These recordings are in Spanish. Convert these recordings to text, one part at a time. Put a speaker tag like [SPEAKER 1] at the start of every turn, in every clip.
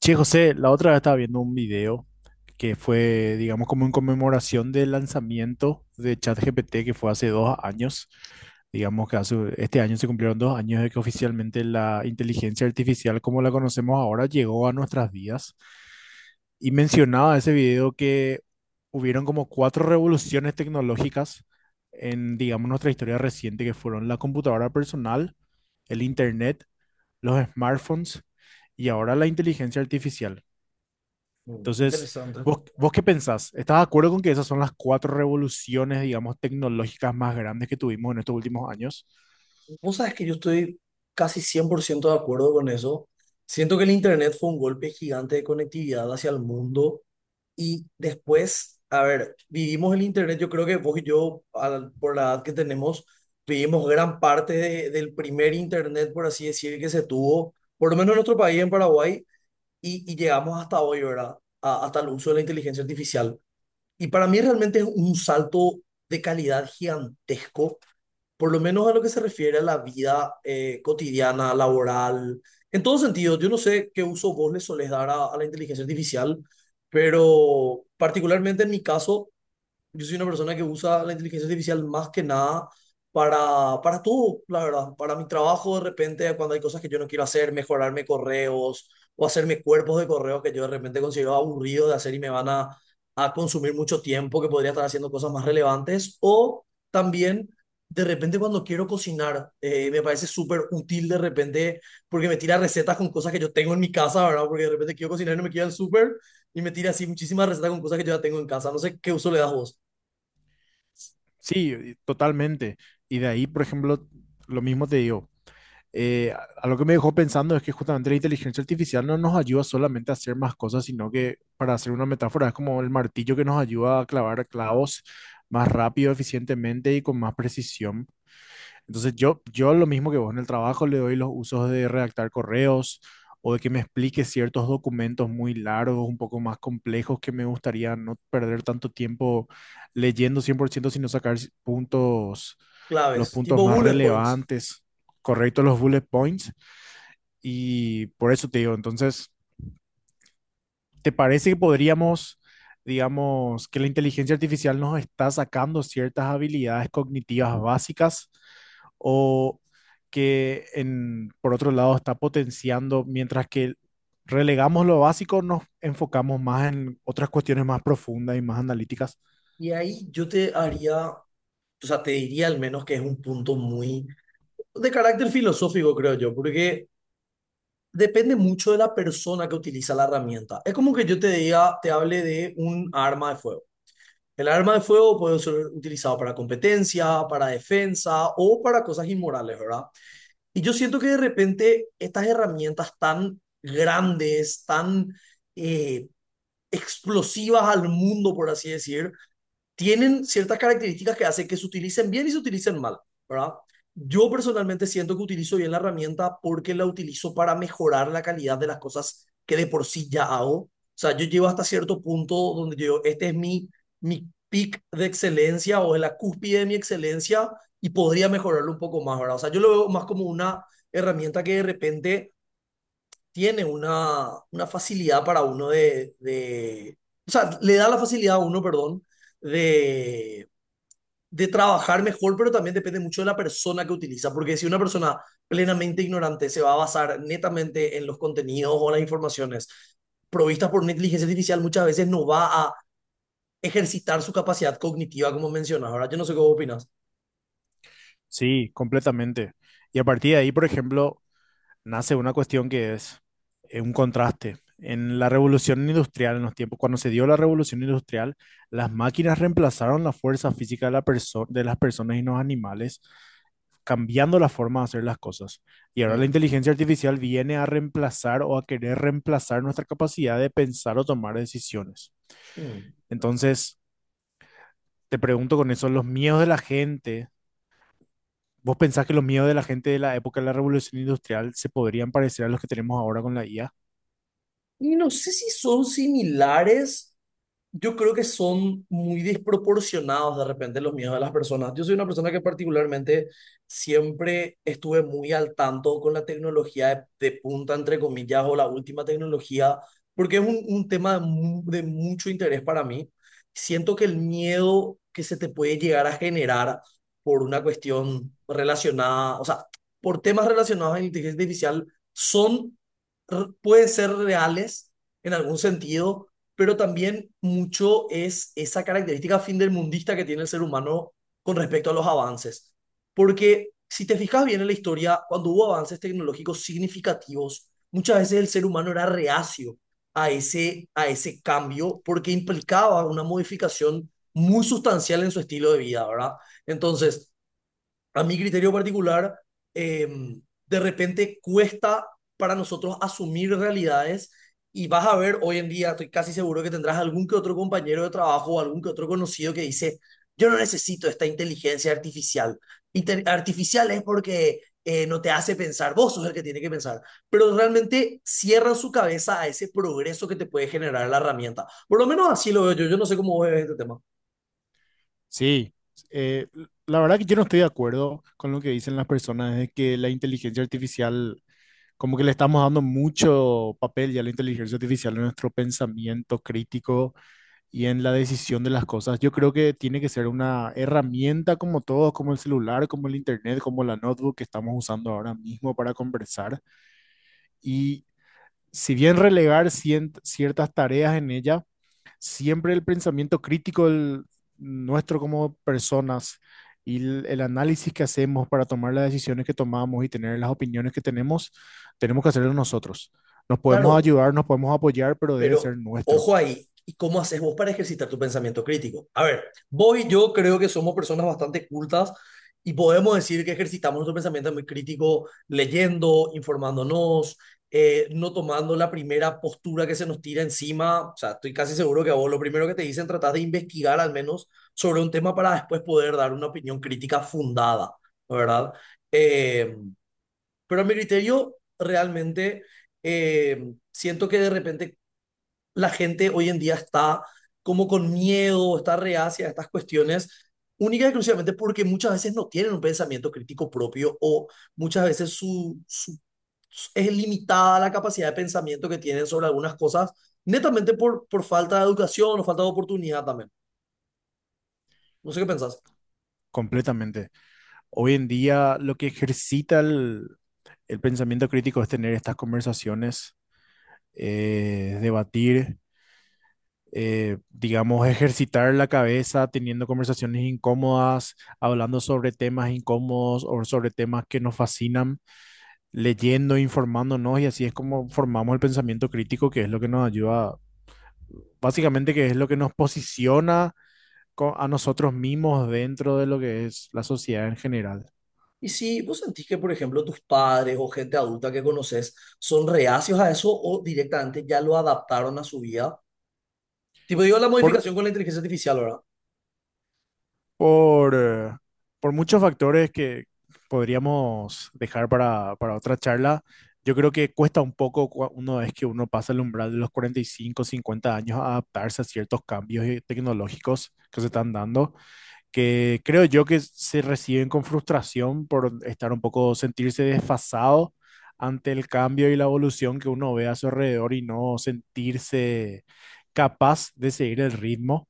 [SPEAKER 1] Che, José, la otra vez estaba viendo un video que fue, digamos, como en conmemoración del lanzamiento de ChatGPT que fue hace 2 años. Digamos que hace, este año se cumplieron 2 años de que oficialmente la inteligencia artificial como la conocemos ahora llegó a nuestras vidas. Y mencionaba ese video que hubieron como cuatro revoluciones tecnológicas en, digamos, nuestra historia reciente, que fueron la computadora personal, el internet, los smartphones y ahora la inteligencia artificial.
[SPEAKER 2] Mm,
[SPEAKER 1] Entonces,
[SPEAKER 2] interesante.
[SPEAKER 1] ¿vos, qué pensás? ¿Estás de acuerdo con que esas son las cuatro revoluciones, digamos, tecnológicas más grandes que tuvimos en estos últimos años?
[SPEAKER 2] Vos sabés que yo estoy casi 100% de acuerdo con eso. Siento que el Internet fue un golpe gigante de conectividad hacia el mundo y después, a ver, vivimos el Internet, yo creo que vos y yo, por la edad que tenemos, vivimos gran parte del primer Internet, por así decir, que se tuvo, por lo menos en nuestro país, en Paraguay, y llegamos hasta hoy, ¿verdad? Hasta el uso de la inteligencia artificial. Y para mí realmente es un salto de calidad gigantesco, por lo menos a lo que se refiere a la vida cotidiana, laboral, en todo sentido. Yo no sé qué uso vos le solés dar a la inteligencia artificial, pero particularmente en mi caso yo soy una persona que usa la inteligencia artificial más que nada para, para todo, la verdad. Para mi trabajo, de repente, cuando hay cosas que yo no quiero hacer, mejorarme correos o hacerme cuerpos de correos que yo de repente considero aburrido de hacer y me van a consumir mucho tiempo, que podría estar haciendo cosas más relevantes. O también, de repente, cuando quiero cocinar, me parece súper útil de repente, porque me tira recetas con cosas que yo tengo en mi casa, ¿verdad? Porque de repente quiero cocinar y no me queda el súper y me tira así muchísimas recetas con cosas que yo ya tengo en casa. No sé qué uso le das vos.
[SPEAKER 1] Sí, totalmente. Y de ahí, por ejemplo, lo mismo te digo. A lo que me dejó pensando es que justamente la inteligencia artificial no nos ayuda solamente a hacer más cosas, sino que, para hacer una metáfora, es como el martillo que nos ayuda a clavar clavos más rápido, eficientemente y con más precisión. Entonces yo lo mismo que vos, en el trabajo le doy los usos de redactar correos o de que me explique ciertos documentos muy largos, un poco más complejos, que me gustaría no perder tanto tiempo leyendo cien por ciento, sino sacar puntos, los
[SPEAKER 2] Claves,
[SPEAKER 1] puntos
[SPEAKER 2] tipo
[SPEAKER 1] más
[SPEAKER 2] bullet points.
[SPEAKER 1] relevantes, correctos los bullet points. Y por eso te digo, entonces, ¿te parece que podríamos, digamos, que la inteligencia artificial nos está sacando ciertas habilidades cognitivas básicas o que por otro lado está potenciando, mientras que relegamos lo básico, nos enfocamos más en otras cuestiones más profundas y más analíticas?
[SPEAKER 2] Y ahí yo te haría, o sea, te diría al menos que es un punto muy de carácter filosófico, creo yo, porque depende mucho de la persona que utiliza la herramienta. Es como que yo te diga, te hable de un arma de fuego. El arma de fuego puede ser utilizado para competencia, para defensa o para cosas inmorales, ¿verdad? Y yo siento que de repente estas herramientas tan grandes, tan eh, explosivas al mundo, por así decir, tienen ciertas características que hacen que se utilicen bien y se utilicen mal, ¿verdad? Yo personalmente siento que utilizo bien la herramienta porque la utilizo para mejorar la calidad de las cosas que de por sí ya hago. O sea, yo llego hasta cierto punto donde yo, este es mi, mi pic de excelencia o es la cúspide de mi excelencia y podría mejorarlo un poco más, ¿verdad? O sea, yo lo veo más como una herramienta que de repente tiene una facilidad para uno o sea, le da la facilidad a uno, perdón, de, de trabajar mejor, pero también depende mucho de la persona que utiliza, porque si una persona plenamente ignorante se va a basar netamente en los contenidos o las informaciones provistas por una inteligencia artificial, muchas veces no va a ejercitar su capacidad cognitiva, como mencionas. Ahora, yo no sé qué opinas.
[SPEAKER 1] Sí, completamente. Y a partir de ahí, por ejemplo, nace una cuestión que es un contraste. En la revolución industrial, en los tiempos, cuando se dio la revolución industrial, las máquinas reemplazaron la fuerza física de las personas y los animales, cambiando la forma de hacer las cosas. Y ahora la
[SPEAKER 2] Mm,
[SPEAKER 1] inteligencia artificial viene a reemplazar o a querer reemplazar nuestra capacidad de pensar o tomar decisiones.
[SPEAKER 2] mm.
[SPEAKER 1] Entonces, te pregunto con eso, los miedos de la gente, ¿vos pensás que los miedos de la gente de la época de la revolución industrial se podrían parecer a los que tenemos ahora con la IA?
[SPEAKER 2] Y no sé si son similares. Yo creo que son muy desproporcionados de repente los miedos de las personas. Yo soy una persona que particularmente siempre estuve muy al tanto con la tecnología de punta, entre comillas, o la última tecnología, porque es un tema de, de mucho interés para mí. Siento que el miedo que se te puede llegar a generar por una cuestión relacionada, o sea, por temas relacionados a la inteligencia artificial, son, pueden ser reales en algún sentido, pero también mucho es esa característica findermundista que tiene el ser humano con respecto a los avances. Porque si te fijas bien en la historia, cuando hubo avances tecnológicos significativos, muchas veces el ser humano era reacio a ese cambio porque implicaba una modificación muy sustancial en su estilo de vida, ¿verdad? Entonces, a mi criterio particular, eh, de repente cuesta para nosotros asumir realidades y vas a ver hoy en día, estoy casi seguro que tendrás algún que otro compañero de trabajo o algún que otro conocido que dice, yo no necesito esta inteligencia artificial. Artificial es porque no te hace pensar, vos sos el que tiene que pensar, pero realmente cierran su cabeza a ese progreso que te puede generar la herramienta. Por lo menos así lo veo yo, yo no sé cómo vos ves este tema.
[SPEAKER 1] Sí, eh, la verdad que yo no estoy de acuerdo con lo que dicen las personas de que la inteligencia artificial, como que le estamos dando mucho papel ya a la inteligencia artificial en nuestro pensamiento crítico y en la decisión de las cosas. Yo creo que tiene que ser una herramienta como todos, como el celular, como el internet, como la notebook que estamos usando ahora mismo para conversar. Y si bien relegar ciertas tareas en ella, siempre el pensamiento crítico nuestro como personas y el análisis que hacemos para tomar las decisiones que tomamos y tener las opiniones que tenemos, tenemos que hacerlo nosotros. Nos podemos
[SPEAKER 2] Claro,
[SPEAKER 1] ayudar, nos podemos apoyar, pero debe
[SPEAKER 2] pero
[SPEAKER 1] ser nuestro,
[SPEAKER 2] ojo ahí, ¿y cómo haces vos para ejercitar tu pensamiento crítico? A ver, vos y yo creo que somos personas bastante cultas y podemos decir que ejercitamos nuestro pensamiento muy crítico leyendo, informándonos, no tomando la primera postura que se nos tira encima. O sea, estoy casi seguro que a vos lo primero que te dicen, tratás de investigar al menos sobre un tema para después poder dar una opinión crítica fundada, ¿verdad? Eh, pero a mi criterio, realmente siento que de repente la gente hoy en día está como con miedo, está reacia a estas cuestiones, única y exclusivamente porque muchas veces no tienen un pensamiento crítico propio o muchas veces su, es limitada la capacidad de pensamiento que tienen sobre algunas cosas, netamente por falta de educación o falta de oportunidad también. No sé qué pensás.
[SPEAKER 1] completamente. Hoy en día lo que ejercita el pensamiento crítico es tener estas conversaciones, debatir, digamos, ejercitar la cabeza teniendo conversaciones incómodas, hablando sobre temas incómodos o sobre temas que nos fascinan, leyendo, informándonos, y así es como formamos el pensamiento crítico, que es lo que nos ayuda, básicamente, que es lo que nos posiciona a nosotros mismos dentro de lo que es la sociedad en general.
[SPEAKER 2] Y si vos sentís que, por ejemplo, tus padres o gente adulta que conoces son reacios a eso o directamente ya lo adaptaron a su vida, tipo digo la
[SPEAKER 1] Por,
[SPEAKER 2] modificación con la inteligencia artificial, ¿verdad?
[SPEAKER 1] por, eh, por muchos factores que podríamos dejar para otra charla. Yo creo que cuesta un poco una vez que uno pasa el umbral de los 45, 50 años, a adaptarse a ciertos cambios tecnológicos que se están dando, que creo yo que se reciben con frustración por estar un poco, sentirse desfasado ante el cambio y la evolución que uno ve a su alrededor y no sentirse capaz de seguir el ritmo.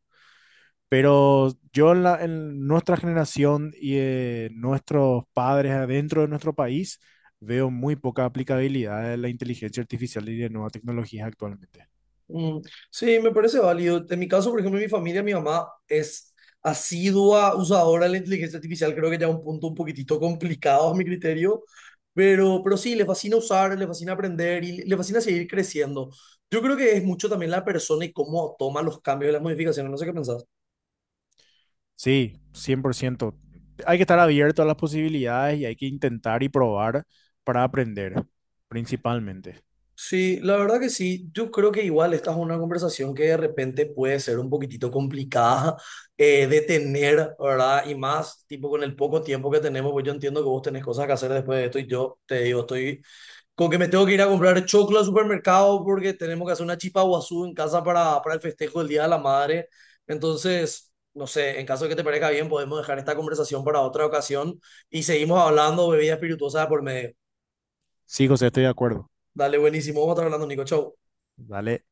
[SPEAKER 1] Pero yo en nuestra generación y nuestros padres adentro de nuestro país, veo muy poca aplicabilidad de la inteligencia artificial y de nuevas tecnologías actualmente.
[SPEAKER 2] Mm, sí, me parece válido. En mi caso, por ejemplo, mi familia, mi mamá es asidua usadora de la inteligencia artificial, creo que ya un punto un poquitito complicado a mi criterio, pero sí, le fascina usar, le fascina aprender y le fascina seguir creciendo. Yo creo que es mucho también la persona y cómo toma los cambios y las modificaciones, no sé qué pensás.
[SPEAKER 1] Sí, 100%. Hay que estar abierto a las posibilidades y hay que intentar y probar para aprender, principalmente.
[SPEAKER 2] Sí, la verdad que sí. Yo creo que igual esta es una conversación que de repente puede ser un poquitito complicada de tener, ¿verdad? Y más, tipo, con el poco tiempo que tenemos, pues yo entiendo que vos tenés cosas que hacer después de esto y yo te digo, estoy con que me tengo que ir a comprar choclo al supermercado porque tenemos que hacer una chipa guazú en casa para el festejo del Día de la Madre. Entonces, no sé, en caso de que te parezca bien, podemos dejar esta conversación para otra ocasión y seguimos hablando bebidas espirituosas de por medio.
[SPEAKER 1] Sí, José, estoy de acuerdo.
[SPEAKER 2] Dale, buenísimo. Vamos a estar hablando, Nico. Chau.
[SPEAKER 1] Dale.